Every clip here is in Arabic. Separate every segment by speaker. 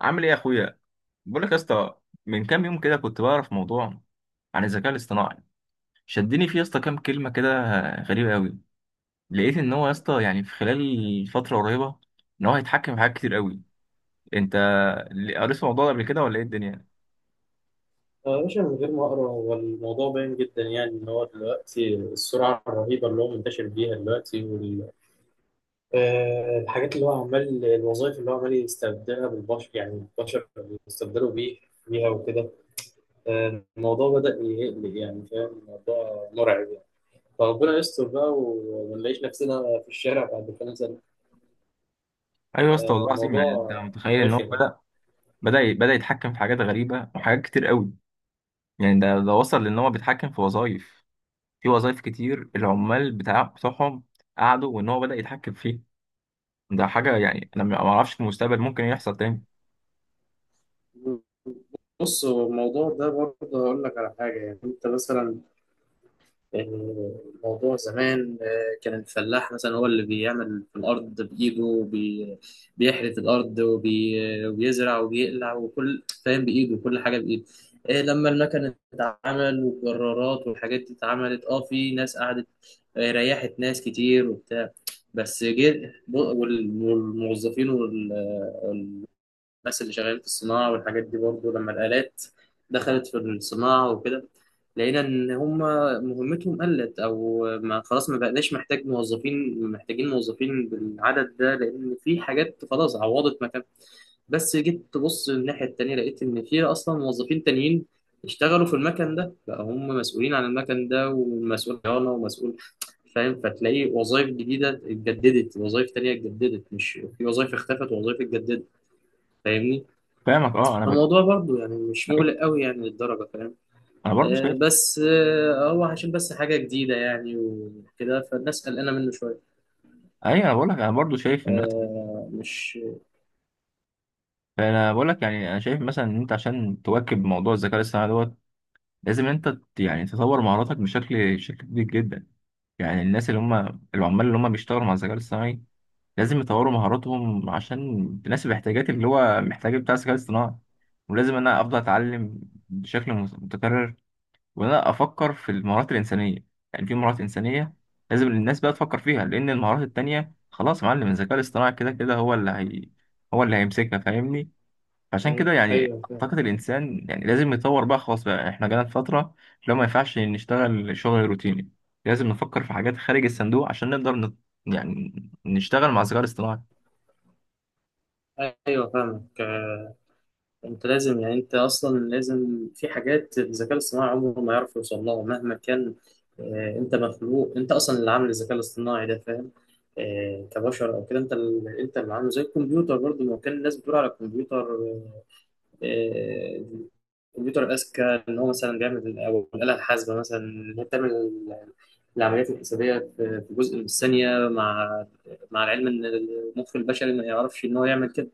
Speaker 1: عامل ايه يا اخويا؟ بقول لك يا اسطى، من كام يوم كده كنت بعرف موضوع عن الذكاء الاصطناعي، شدني فيه يا اسطى كام كلمه كده غريبه قوي. لقيت ان هو يا اسطى يعني في خلال فتره قريبه ان هو هيتحكم في حاجات كتير قوي. انت قريت في الموضوع ده قبل كده ولا ايه الدنيا؟
Speaker 2: آه، يا باشا، من غير ما اقرا هو الموضوع باين جدا، يعني ان هو دلوقتي السرعه الرهيبه اللي هو منتشر بيها دلوقتي، والحاجات اللي هو عمال، الوظائف اللي هو عمال يستبدلها بالبشر، يعني البشر بيستبدلوا بيه بيها وكده. الموضوع بدأ يقلق، يعني فاهم، الموضوع مرعب يعني. فربنا يستر بقى وما نلاقيش نفسنا في الشارع بعد كام سنه.
Speaker 1: ايوه يا اسطى، والله العظيم يعني انت
Speaker 2: الموضوع
Speaker 1: متخيل ان هو
Speaker 2: رخم.
Speaker 1: بدا يتحكم في حاجات غريبه وحاجات كتير قوي. يعني ده وصل لان هو بيتحكم في وظائف كتير العمال بتوعهم قعدوا وان هو بدا يتحكم فيه. ده حاجه، يعني انا ما اعرفش في المستقبل ممكن إيه يحصل تاني.
Speaker 2: بص، هو الموضوع ده برضه هقول لك على حاجة، يعني أنت مثلا الموضوع زمان، كان الفلاح مثلا هو اللي بيعمل في الأرض بإيده، بيحرث الأرض وبيزرع وبيقلع وكل، فاهم، بإيده، وكل حاجة بإيده. إيه، لما المكن اتعمل والجرارات والحاجات دي اتعملت، في ناس قعدت. ريحت ناس كتير وبتاع، بس جه والموظفين، الناس اللي شغالين في الصناعة والحاجات دي برضه، لما الآلات دخلت في الصناعة وكده، لقينا إن هم مهمتهم قلت، أو ما، خلاص ما بقناش محتاج موظفين، محتاجين موظفين بالعدد ده، لأن في حاجات خلاص عوضت مكان. بس جيت تبص الناحية التانية لقيت إن في أصلا موظفين تانيين اشتغلوا في المكن ده، بقى هم مسؤولين عن المكن ده، ومسؤول صيانة ومسؤول، فاهم، فتلاقي وظائف جديدة اتجددت، وظائف تانية اتجددت، مش، في وظائف اختفت ووظائف اتجددت، فاهمني.
Speaker 1: فاهمك، اه، انا.
Speaker 2: فالموضوع برضو يعني مش
Speaker 1: أيوة،
Speaker 2: مقلق قوي يعني للدرجة، فاهم.
Speaker 1: انا برضو
Speaker 2: آه،
Speaker 1: شايف.
Speaker 2: بس آه، هو عشان بس حاجة جديدة يعني وكده، فالناس قلقانة منه شوية.
Speaker 1: ايوه، انا بقول لك انا برضو شايف ان مثلا،
Speaker 2: آه، مش،
Speaker 1: انا بقول لك يعني انا شايف مثلا ان انت عشان تواكب موضوع الذكاء الاصطناعي دوت لازم انت يعني تطور مهاراتك بشكل كبير جدا. يعني الناس اللي هم العمال اللي هم بيشتغلوا مع الذكاء الاصطناعي لازم يطوروا مهاراتهم عشان تناسب احتياجات اللي هو محتاجه بتاع الذكاء الاصطناعي، ولازم انا افضل اتعلم بشكل متكرر، وان انا افكر في المهارات الانسانيه. يعني في مهارات انسانيه لازم الناس بقى تفكر فيها، لان المهارات التانية خلاص يا معلم، الذكاء الاصطناعي كده كده هو اللي هيمسكها. فاهمني؟ فعشان
Speaker 2: مم.
Speaker 1: كده يعني
Speaker 2: ايوه فاهم.
Speaker 1: اعتقد الانسان يعني لازم يطور بقى، خلاص بقى احنا جانا في فتره، لو ما ينفعش نشتغل شغل روتيني لازم نفكر في حاجات خارج الصندوق عشان نقدر يعني نشتغل مع الذكاء الاصطناعي.
Speaker 2: ايوه فاهمك. انت لازم، يعني انت اصلا لازم، في حاجات الذكاء الاصطناعي عمره ما يعرف يوصل لها مهما كان. انت مخلوق، انت اصلا اللي عامل الذكاء الاصطناعي ده، فاهم. كبشر او كده، انت اللي، انت اللي عامله، زي الكمبيوتر برضه، ما كان الناس بتقول على الكمبيوتر، آه، الكمبيوتر الأذكى، إن هو مثلا بيعمل، أو الآلة الحاسبة مثلا إن هي بتعمل العمليات الحسابية في جزء من الثانية، مع العلم إن المخ البشري ما يعرفش إن هو يعمل كده.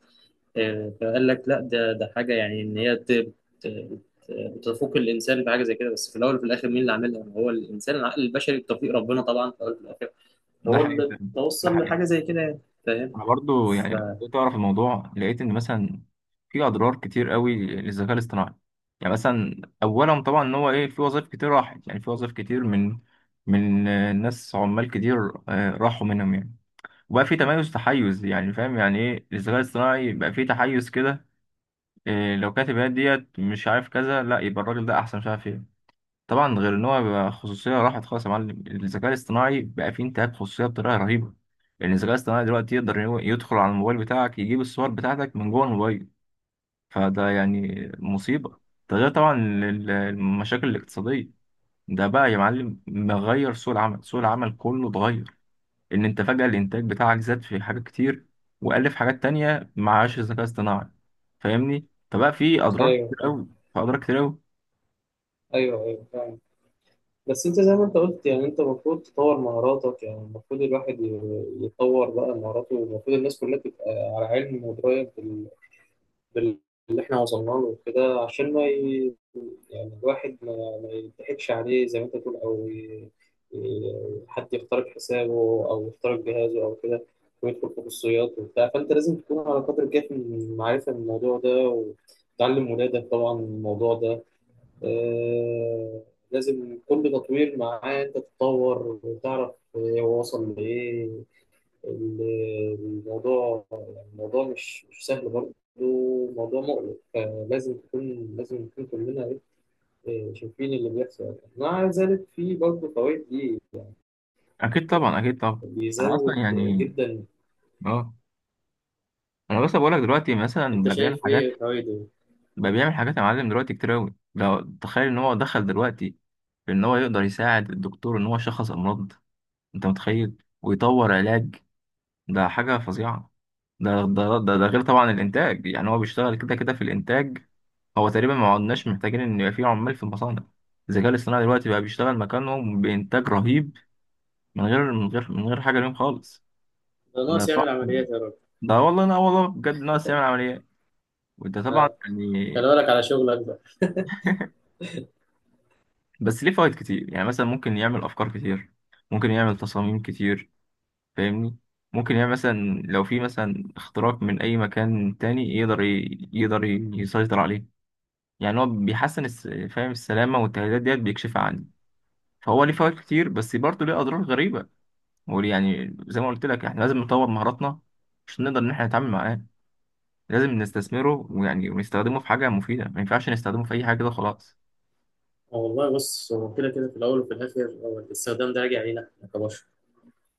Speaker 2: فقال لك لا، ده حاجة يعني إن هي ت- بتفوق الإنسان بحاجة زي كده. بس في الأول وفي الآخر، مين اللي عاملها؟ هو الإنسان، العقل البشري، بتوفيق ربنا طبعا، في الأول وفي الآخر
Speaker 1: ده
Speaker 2: هو
Speaker 1: حقيقي.
Speaker 2: اللي
Speaker 1: ده
Speaker 2: توصل
Speaker 1: حقيقي.
Speaker 2: لحاجة زي كده يعني. فاهم؟
Speaker 1: انا برضو
Speaker 2: ف-
Speaker 1: يعني كنت اعرف الموضوع، لقيت ان مثلا في اضرار كتير قوي للذكاء الاصطناعي. يعني مثلا اولا طبعا ان هو ايه، في وظائف كتير راحت، يعني في وظائف كتير من ناس عمال كتير، راحوا منهم يعني. وبقى في تحيز، يعني فاهم يعني ايه؟ الذكاء الاصطناعي بقى في تحيز كده، إيه لو كاتب هي ديت مش عارف كذا لا يبقى الراجل ده احسن مش عارف ايه. طبعا غير ان هو بقى خصوصيه راحت خالص يا معلم، الذكاء الاصطناعي بقى فيه انتهاك خصوصيه بطريقه رهيبه، لان الذكاء الاصطناعي دلوقتي يقدر إن هو يدخل على الموبايل بتاعك، يجيب الصور بتاعتك من جوه الموبايل. فده يعني مصيبه. ده غير طبعا المشاكل الاقتصاديه. ده بقى يا معلم مغير سوق العمل، سوق العمل كله اتغير، ان انت فجاه الانتاج بتاعك زاد في حاجات كتير وقل في حاجات تانية معاش الذكاء الاصطناعي. فاهمني؟ فبقى فيه اضرار
Speaker 2: ايوه
Speaker 1: كتير
Speaker 2: فاهم.
Speaker 1: قوي، فاضرار كتير قوي.
Speaker 2: ايوه ايوه فاهم. بس انت زي ما انت قلت يعني، انت المفروض تطور مهاراتك، يعني المفروض الواحد يطور بقى مهاراته، والمفروض الناس كلها تبقى على علم ودرايه بال... اللي احنا وصلنا له وكده، عشان ما، يعني الواحد ما يضحكش عليه زي ما انت تقول، او حد يخترق حسابه، او يخترق جهازه او كده، ويدخل في خصوصيات وبتاع. فانت لازم تكون على قدر كافي من المعرفه من الموضوع ده، وتعلم ولادك طبعا الموضوع ده. آه، لازم كل تطوير معاه انت تتطور وتعرف هو وصل لايه. ال- الموضوع، يعني الموضوع مش سهل برضه، موضوع مقلق، فلازم تكون لازم نكون كلنا، شايفين اللي بيحصل يعني. مع ذلك في برضه فوائد، دي
Speaker 1: اكيد طبعا، اكيد طبعا. انا اصلا
Speaker 2: بيزود
Speaker 1: يعني،
Speaker 2: جدا.
Speaker 1: اه، انا بس بقول لك دلوقتي مثلا
Speaker 2: انت
Speaker 1: بقى بيعمل
Speaker 2: شايف
Speaker 1: حاجات
Speaker 2: ايه فوائده؟
Speaker 1: بقى بيعمل حاجات يا معلم دلوقتي كتير قوي. لو تخيل ان هو دخل دلوقتي في ان هو يقدر يساعد الدكتور ان هو يشخص امراض، انت متخيل؟ ويطور علاج. ده حاجه فظيعه. ده غير طبعا الانتاج، يعني هو بيشتغل كده كده في الانتاج. هو تقريبا ما عدناش محتاجين ان يبقى في عمال في المصانع. الذكاء الاصطناعي دلوقتي بقى بيشتغل مكانهم بانتاج رهيب من غير حاجه ليهم خالص.
Speaker 2: ده
Speaker 1: ده
Speaker 2: ناقص
Speaker 1: طبعا.
Speaker 2: يعمل عمليات يا راجل.
Speaker 1: ده والله، لا والله بجد، ناس يعمل عمليات. وده طبعا
Speaker 2: آه،
Speaker 1: يعني.
Speaker 2: خلي بالك على شغلك بقى.
Speaker 1: بس ليه فوائد كتير، يعني مثلا ممكن يعمل افكار كتير، ممكن يعمل تصاميم كتير. فاهمني؟ ممكن يعمل مثلا لو في مثلا اختراق من اي مكان تاني يقدر يسيطر عليه. يعني هو بيحسن فاهم؟ السلامة والتهديدات ديت بيكشفها عنه. فهو ليه فوائد كتير بس برضه ليه اضرار غريبة. هو يعني زي ما قلت لك احنا لازم نطور مهاراتنا عشان نقدر ان احنا نتعامل معاه، لازم نستثمره، ويعني ونستخدمه في حاجة مفيدة، ما ينفعش نستخدمه في اي حاجة كده خلاص.
Speaker 2: آه، والله، بص، هو كده كده في الاول وفي الاخر هو الاستخدام ده راجع علينا احنا كبشر.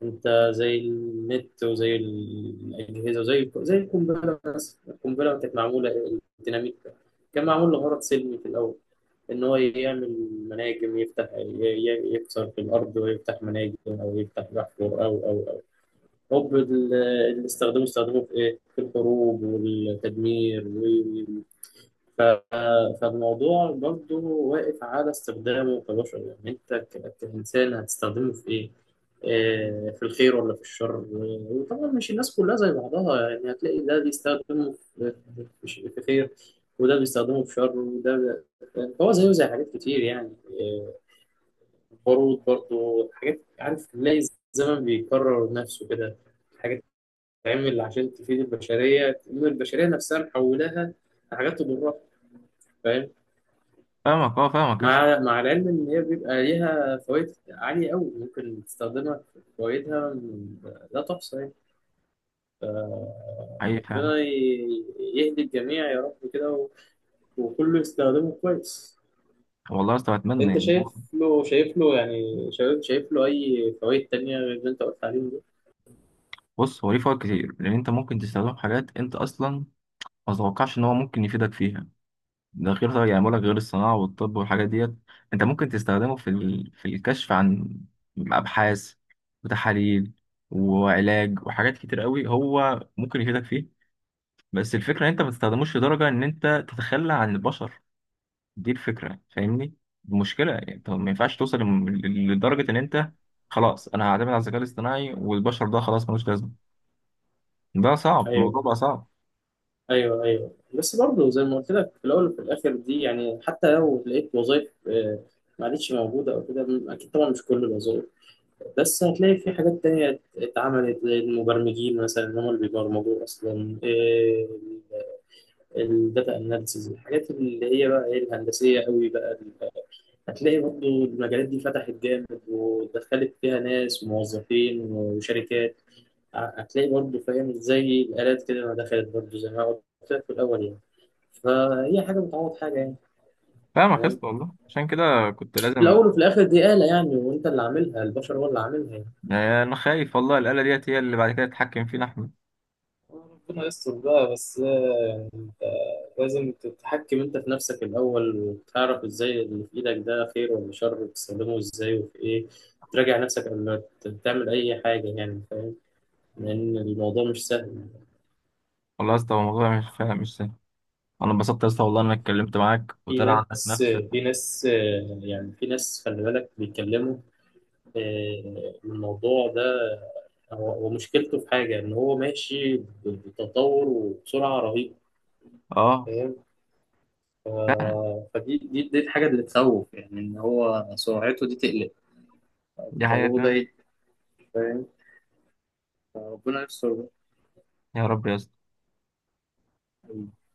Speaker 2: انت، زي النت، وزي الاجهزه، وزي القنبله. بس القنبله كانت معموله، الديناميت كان معمول لغرض سلمي في الاول، ان هو يعمل مناجم، يفتح، يكسر في الارض ويفتح مناجم، او يفتح بحفر، او هوب، اللي استخدموه، استخدموه في ايه، في الحروب والتدمير. ف- فالموضوع برضو واقف على استخدامه كبشر، يعني انت كإنسان هتستخدمه في ايه؟ في الخير ولا في الشر؟ وطبعا مش الناس كلها زي بعضها يعني، هتلاقي ده بيستخدمه في خير، وده بيستخدمه في شر، يعني هو زيه زي حاجات كتير يعني. البارود برضو، حاجات، عارف، تلاقي الزمن بيكرر نفسه كده، حاجات تتعمل عشان تفيد البشرية، تقوم البشرية نفسها محولاها لحاجات تضرها، فاهم.
Speaker 1: فاهمك يا اسطى.
Speaker 2: مع العلم ان هي بيبقى ليها فوائد عاليه قوي، ممكن تستخدمها، في فوائدها لا تحصى يعني. ف-
Speaker 1: حقيقي فاهم.
Speaker 2: ربنا يهدي الجميع يا رب كده، وكله يستخدمه كويس.
Speaker 1: والله يا اسطى اتمنى،
Speaker 2: انت
Speaker 1: يعني
Speaker 2: شايف له يعني، شايف له اي فوائد تانية غير اللي انت قلت عليهم دول؟
Speaker 1: بص هو ليه فوائد كتير لان انت ممكن تستخدمه في حاجات انت اصلا ما تتوقعش ان هو ممكن يفيدك فيها. ده غير طبعا يعني بقولك غير الصناعه والطب والحاجات ديت، انت ممكن تستخدمه في الكشف عن ابحاث وتحاليل وعلاج وحاجات كتير قوي هو ممكن يفيدك فيه. بس الفكره ان انت ما تستخدموش لدرجه ان انت تتخلى عن البشر، دي الفكره. فاهمني؟ المشكله يعني انت ما ينفعش توصل لدرجه ان انت خلاص انا هعتمد على الذكاء الاصطناعي والبشر ده خلاص ملوش لازمه. ده صعب، الموضوع
Speaker 2: ايوه
Speaker 1: بقى صعب.
Speaker 2: ايوه ايوه، بس برضه زي ما قلت لك، في الاول وفي الاخر، دي يعني، حتى لو لقيت وظائف، ما عادتش موجوده او كده، اكيد طبعا مش كل الوظائف، بس هتلاقي في حاجات تانية اتعملت، زي المبرمجين مثلا، هم اللي بيبرمجوا أصلا الداتا أناليسيز، الحاجات اللي هي بقى الهندسية قوي بقى، هتلاقي برضه المجالات دي فتحت جامد، ودخلت فيها ناس، موظفين وشركات، هتلاقي برضه، فاهم، زي الآلات كده ما دخلت، برضه زي ما قلت لك في الأول يعني، فهي حاجة بتعوض حاجة يعني،
Speaker 1: فاهمك يا
Speaker 2: فاهم.
Speaker 1: اسطى والله، عشان كده كنت
Speaker 2: في
Speaker 1: لازم.
Speaker 2: الأول وفي الآخر دي آلة يعني، وأنت اللي عاملها، البشر هو اللي عاملها يعني.
Speaker 1: يعني انا خايف والله الآلة ديت هي اللي بعد كده تتحكم فينا احنا.
Speaker 2: ربنا يستر بقى، بس لازم تتحكم انت في نفسك الاول، وتعرف ازاي اللي في ايدك ده خير ولا شر، وتستخدمه ازاي وفي ايه، تراجع نفسك قبل ما تعمل اي حاجه يعني، فاهم. لان الموضوع مش سهل.
Speaker 1: والله يا اسطى، هو الموضوع مش، فعلا مش سهل. انا انبسطت يا اسطى والله إن انا اتكلمت معاك
Speaker 2: في
Speaker 1: وطلع عندك
Speaker 2: ناس
Speaker 1: نفس.
Speaker 2: في ناس يعني في ناس، خلي بالك بيتكلموا. الموضوع ده هو مشكلته في حاجه ان هو ماشي بتطور وبسرعه رهيبه،
Speaker 1: اه،
Speaker 2: فاهم. ف-
Speaker 1: فعلا،
Speaker 2: فدي دي دي الحاجه اللي تخوف، يعني ان هو سرعته دي تقلق،
Speaker 1: دي حقيقة
Speaker 2: تطوره ده،
Speaker 1: فعلا.
Speaker 2: فاهم. ربنا يستر بقى.
Speaker 1: يا رب يا اسطى.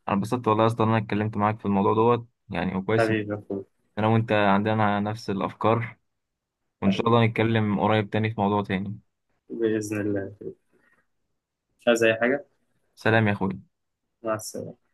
Speaker 1: انا انبسطت والله يا اسطى ان انا اتكلمت معاك في الموضوع دوت يعني، وكويس ان
Speaker 2: حبيبي يا اخويا.
Speaker 1: انا وانت عندنا نفس الافكار، وان شاء
Speaker 2: حبيبي.
Speaker 1: الله نتكلم قريب تاني في موضوع تاني.
Speaker 2: بإذن الله. مش عايز أي حاجة.
Speaker 1: سلام يا اخوي.
Speaker 2: مع السلامة.